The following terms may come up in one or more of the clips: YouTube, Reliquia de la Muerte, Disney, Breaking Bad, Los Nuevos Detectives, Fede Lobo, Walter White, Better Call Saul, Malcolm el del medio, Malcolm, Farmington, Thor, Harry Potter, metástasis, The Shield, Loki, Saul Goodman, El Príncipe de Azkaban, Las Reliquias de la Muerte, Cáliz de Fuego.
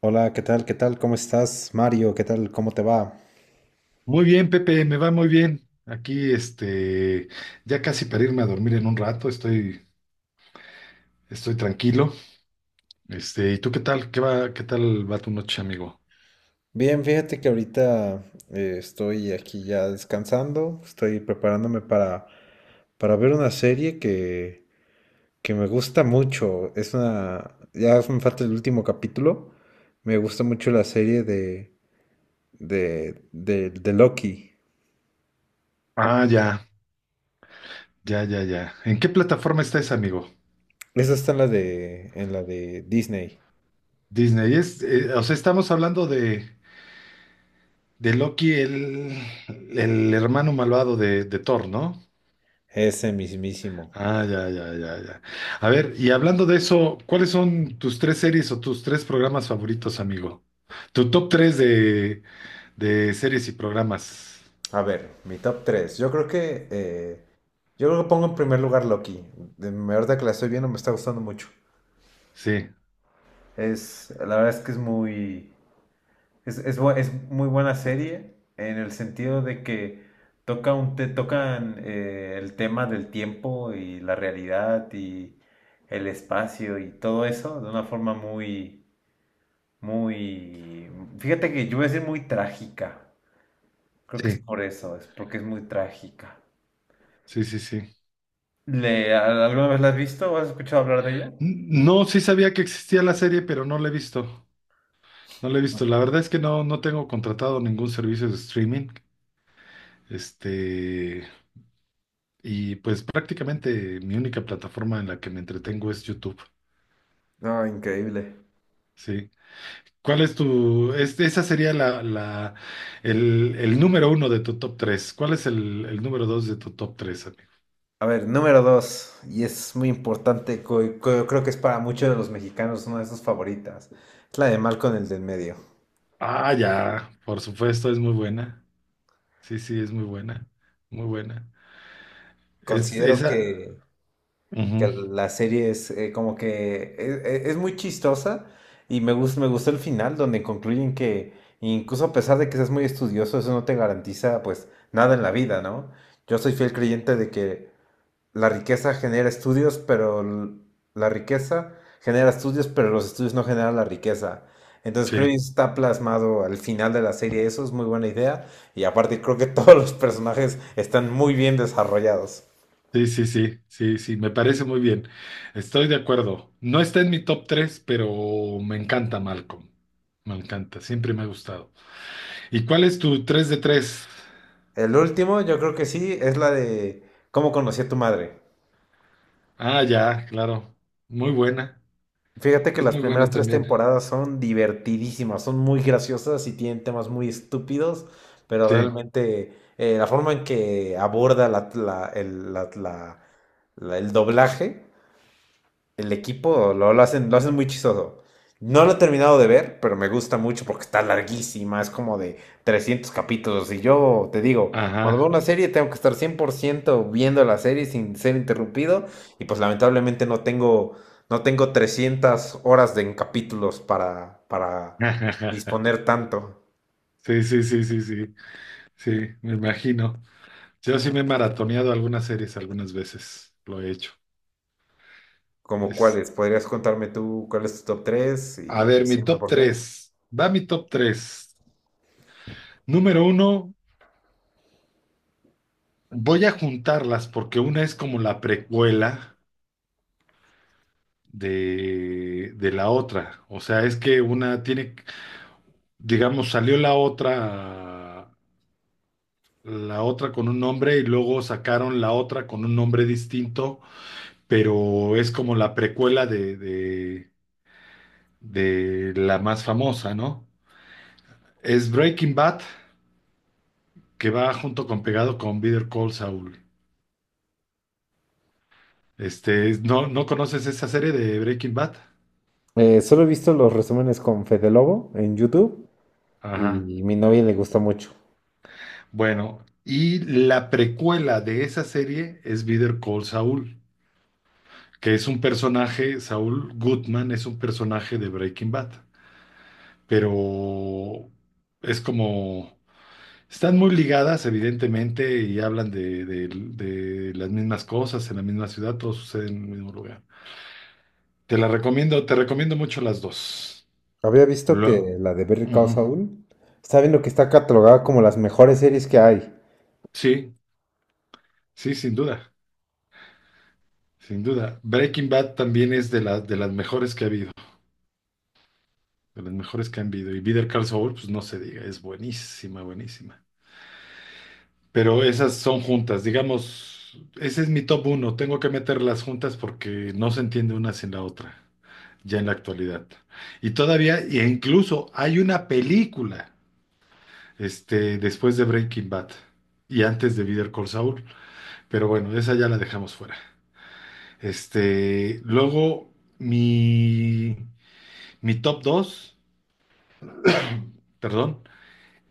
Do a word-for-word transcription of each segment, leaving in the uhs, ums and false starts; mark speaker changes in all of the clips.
Speaker 1: Hola, ¿qué tal? ¿Qué tal? ¿Cómo estás, Mario? ¿Qué tal? ¿Cómo te va?
Speaker 2: Muy bien, Pepe, me va muy bien. Aquí, este, ya casi para irme a dormir en un rato, estoy, estoy tranquilo. Este, ¿y tú qué tal? ¿Qué va, qué tal va tu noche, amigo?
Speaker 1: Bien, fíjate que ahorita eh, estoy aquí ya descansando, estoy preparándome para, para ver una serie que, que me gusta mucho. Es una, ya me falta el último capítulo. Me gusta mucho la serie de, de, de, de Loki.
Speaker 2: Ah, ya, ya, ya, ya. ¿En qué plataforma está ese amigo?
Speaker 1: Esa está en la de, en la de Disney.
Speaker 2: Disney. Es, eh, o sea, estamos hablando de, de Loki, el, el hermano malvado de, de Thor, ¿no?
Speaker 1: Ese mismísimo.
Speaker 2: Ah, ya, ya, ya, ya. A ver, y hablando de eso, ¿cuáles son tus tres series o tus tres programas favoritos, amigo? Tu top tres de De series y programas.
Speaker 1: A ver, mi top tres. Yo creo que. eh, yo creo que pongo en primer lugar Loki. De, me- ahorita que la estoy viendo, me está gustando mucho.
Speaker 2: Sí,
Speaker 1: Es, la verdad es que es muy. Es, es, bu- es muy buena serie en el sentido de que toca un, te tocan eh, el tema del tiempo y la realidad y el espacio y todo eso de una forma muy, muy. Fíjate que yo voy a decir muy trágica. Creo que es
Speaker 2: sí,
Speaker 1: por eso, es porque es muy trágica.
Speaker 2: sí, sí, sí.
Speaker 1: ¿Le, a- alguna vez la has visto o has escuchado hablar de ella?
Speaker 2: N- No, sí sabía que existía la serie, pero no la he visto. No la he visto. La verdad es que no, no tengo contratado ningún servicio de streaming. Este, y pues prácticamente mi única plataforma en la que me entretengo es YouTube.
Speaker 1: No, increíble.
Speaker 2: Sí. ¿Cuál es tu, es- esa sería la, la, el, el número uno de tu top tres? ¿Cuál es el, el número dos de tu top tres, amigo?
Speaker 1: A ver, número dos, y es muy importante, co- co- creo que es para muchos de los mexicanos una de sus favoritas, es la de Malcolm el del medio.
Speaker 2: Ah, ya, por supuesto, es muy buena. Sí, sí, es muy buena, muy buena. Es
Speaker 1: Considero
Speaker 2: esa.
Speaker 1: que, que
Speaker 2: Ujú.
Speaker 1: la serie es eh, como que es, es- es muy chistosa y me gusta, me gustó el final donde concluyen que incluso a pesar de que seas muy estudioso, eso no te garantiza pues nada en la vida, ¿no? Yo soy fiel creyente de que la riqueza genera estudios, pero l- la riqueza genera estudios, pero los estudios no generan la riqueza. Entonces creo que
Speaker 2: Sí,
Speaker 1: está plasmado al final de la serie, eso es muy buena idea. Y aparte creo que todos los personajes están muy bien desarrollados.
Speaker 2: sí, sí, sí, sí, sí, me parece muy bien. Estoy de acuerdo. No está en mi top tres pero me encanta Malcolm. Me encanta, siempre me ha gustado. ¿Y cuál es tu tres de tres?
Speaker 1: El último, yo creo que sí, es la de cómo conocí a tu madre.
Speaker 2: Ah, ya, claro. Muy buena.
Speaker 1: Fíjate que
Speaker 2: Es
Speaker 1: las
Speaker 2: muy
Speaker 1: primeras
Speaker 2: buena
Speaker 1: tres
Speaker 2: también.
Speaker 1: temporadas son divertidísimas, son muy graciosas y tienen temas muy estúpidos, pero
Speaker 2: Sí,
Speaker 1: realmente eh, la forma en que aborda la, la el- la- la- la- el doblaje, el equipo lo, lo hacen, lo hacen muy chistoso. No lo he terminado de ver, pero me gusta mucho porque está larguísima, es como de trescientos capítulos. Y yo te digo, cuando veo
Speaker 2: ajá.
Speaker 1: una serie tengo que estar cien por ciento viendo la serie sin ser interrumpido. Y pues lamentablemente no tengo, no tengo trescientas horas de, en capítulos para, para disponer tanto.
Speaker 2: Sí, sí, sí, sí, sí, sí, me imagino. Yo sí me he maratoneado algunas series algunas veces, lo he hecho.
Speaker 1: Como cuáles, podrías contarme tú cuál es tu top tres
Speaker 2: A
Speaker 1: y
Speaker 2: ver, mi
Speaker 1: decirme
Speaker 2: top
Speaker 1: por qué.
Speaker 2: tres, Va mi top tres. Número uno, voy a juntarlas porque una es como la precuela de, de la otra. O sea, es que una tiene, digamos, salió la otra, la otra con un nombre y luego sacaron la otra con un nombre distinto, pero es como la precuela de, de, de la más famosa, ¿no? Es Breaking Bad, que va junto con pegado con Better Call Saul. Este, ¿no, no conoces esa serie de Breaking Bad?
Speaker 1: Eh, solo he visto los resúmenes con Fede Lobo en YouTube
Speaker 2: Ajá.
Speaker 1: y mi novia le gusta mucho.
Speaker 2: Bueno, y la precuela de esa serie es Better Call Saul, que es un personaje, Saul Goodman es un personaje de Breaking Bad, pero es como, están muy ligadas evidentemente y hablan de, de- de las mismas cosas en la misma ciudad, todo sucede en el mismo lugar. Te la recomiendo, te recomiendo mucho las dos.
Speaker 1: Había visto que
Speaker 2: Lo,
Speaker 1: la de Better Call
Speaker 2: Ujú.
Speaker 1: Saul está viendo que está catalogada como las mejores series que hay.
Speaker 2: Sí, sí, sin duda. Sin duda. Breaking Bad también es de, las de las mejores que ha habido, de las mejores que han habido. Y Better Call Saul, pues no se diga, es buenísima, buenísima. Pero esas son juntas, digamos, ese es mi top uno. Tengo que meterlas juntas porque no se entiende una sin la otra, ya en la actualidad. Y todavía, e incluso hay una película, este, después de Breaking Bad y antes de Better Call Saul. Pero bueno, esa ya la dejamos fuera. Este, luego, mi, mi top dos. Perdón,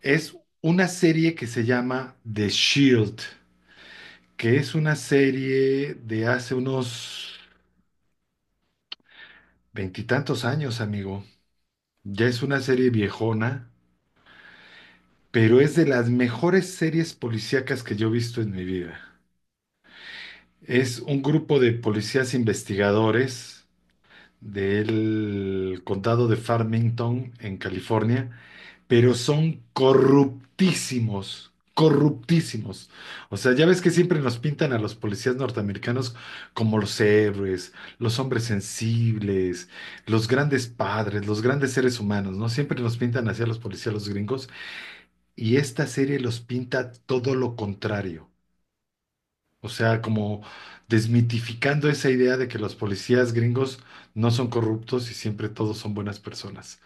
Speaker 2: es una serie que se llama The Shield, que es una serie de hace unos veintitantos años, amigo. Ya es una serie viejona, pero es de las mejores series policíacas que yo he visto en mi vida. Es un grupo de policías investigadores del condado de Farmington, en California, pero son corruptísimos, corruptísimos. O sea, ya ves que siempre nos pintan a los policías norteamericanos como los héroes, los hombres sensibles, los grandes padres, los grandes seres humanos, ¿no? Siempre nos pintan hacia los policías los gringos y esta serie los pinta todo lo contrario. O sea, como desmitificando esa idea de que los policías gringos no son corruptos y siempre todos son buenas personas.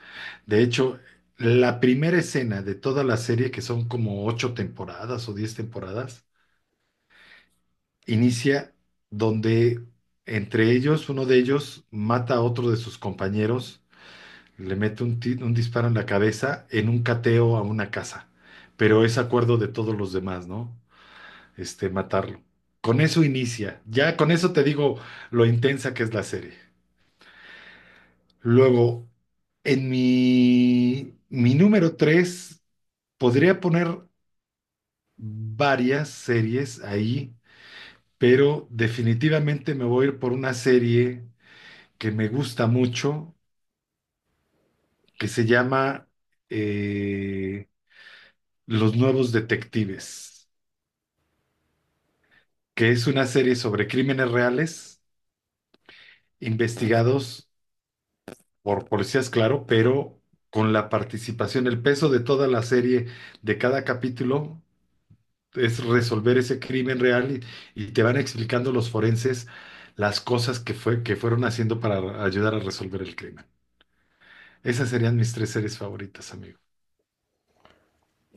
Speaker 2: De hecho, la primera escena de toda la serie, que son como ocho temporadas o diez temporadas, inicia donde entre ellos, uno de ellos mata a otro de sus compañeros, le mete un, ti- un disparo en la cabeza en un cateo a una casa, pero es acuerdo de todos los demás, ¿no? Este, matarlo. Con eso inicia. Ya con eso te digo lo intensa que es la serie. Luego, en mi, mi número tres, podría poner varias series ahí, pero definitivamente me voy a ir por una serie que me gusta mucho, que se llama eh, Los Nuevos Detectives, que es una serie sobre crímenes reales investigados por policías, claro, pero con la participación, el peso de toda la serie, de cada capítulo, es resolver ese crimen real y, y te van explicando los forenses las cosas que fue, que fueron haciendo para ayudar a resolver el crimen. Esas serían mis tres series favoritas, amigo.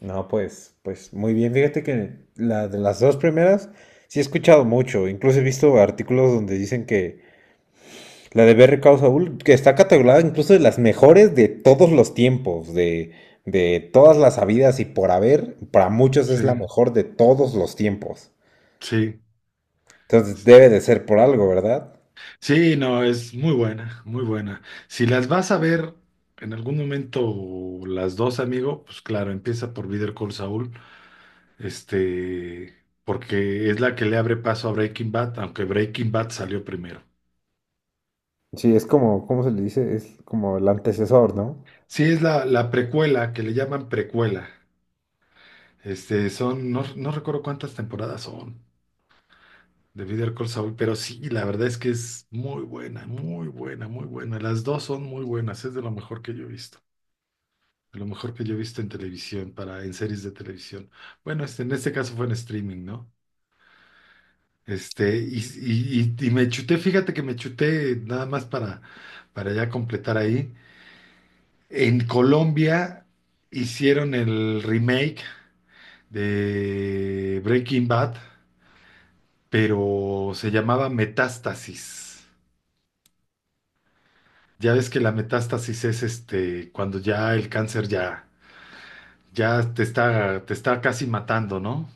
Speaker 1: No, pues, pues muy bien. Fíjate que la de las dos primeras sí he escuchado mucho. Incluso he visto artículos donde dicen que la de Better Call Saul, que está catalogada incluso de las mejores de todos los tiempos, de, de todas las habidas y por haber, para muchos es
Speaker 2: Sí,
Speaker 1: la mejor de todos los tiempos.
Speaker 2: sí.
Speaker 1: Entonces debe de ser por algo, ¿verdad?
Speaker 2: Sí, no, es muy buena, muy buena. Si las vas a ver en algún momento las dos, amigo, pues claro, empieza por Better Call Saul, este, porque es la que le abre paso a Breaking Bad, aunque Breaking Bad salió primero.
Speaker 1: Sí, es como, ¿cómo se le dice? Es como el antecesor, ¿no?
Speaker 2: Sí, es la, la precuela, que le llaman precuela. Este, son, no, no recuerdo cuántas temporadas son de Better Call Saul, pero sí, la verdad es que es muy buena, muy buena, muy buena. Las dos son muy buenas, es de lo mejor que yo he visto, de lo mejor que yo he visto en televisión, para, en series de televisión. Bueno, este, en este caso fue en streaming, ¿no? Este, y, y, y- y me chuté, fíjate que me chuté nada más para, para ya completar ahí. En Colombia hicieron el remake de Breaking Bad. Pero se llamaba metástasis. Ya ves que la metástasis es este cuando ya el cáncer ya, ya te está, te está casi matando, ¿no?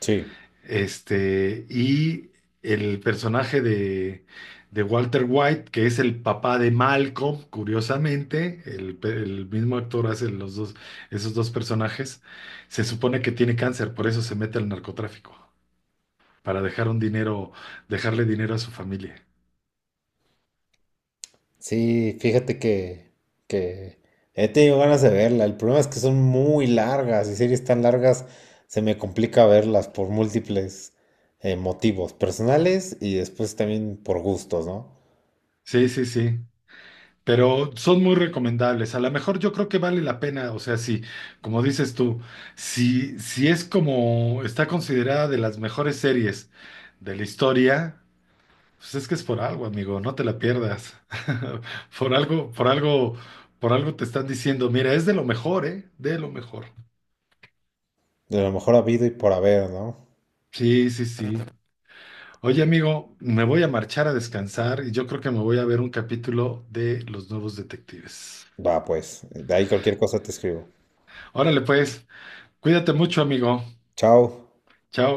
Speaker 1: Sí,
Speaker 2: Este, y el personaje de, de Walter White, que es el papá de Malcolm, curiosamente, el, pe- el mismo actor hace los dos, esos dos personajes, se supone que tiene cáncer, por eso se mete al narcotráfico, para dejar un dinero, dejarle dinero a su familia.
Speaker 1: sí, fíjate que, que he tenido ganas de verla. El problema es que son muy largas y series tan largas se me complica verlas por múltiples eh, motivos personales y después también por gustos, ¿no?
Speaker 2: Sí, sí, sí. Pero son muy recomendables. A lo mejor yo creo que vale la pena, o sea, si, como dices tú, si, si es como está considerada de las mejores series de la historia, pues es que es por algo, amigo, no te la pierdas. Por algo, por algo, por algo te están diciendo, mira, es de lo mejor, ¿eh? De lo mejor.
Speaker 1: De lo mejor habido y por haber, ¿no?
Speaker 2: Sí, sí, sí. Oye, amigo, me voy a marchar a descansar y yo creo que me voy a ver un capítulo de Los Nuevos Detectives.
Speaker 1: Va, pues, de ahí cualquier cosa te escribo.
Speaker 2: Órale, pues, cuídate mucho, amigo.
Speaker 1: Chao.
Speaker 2: Chao.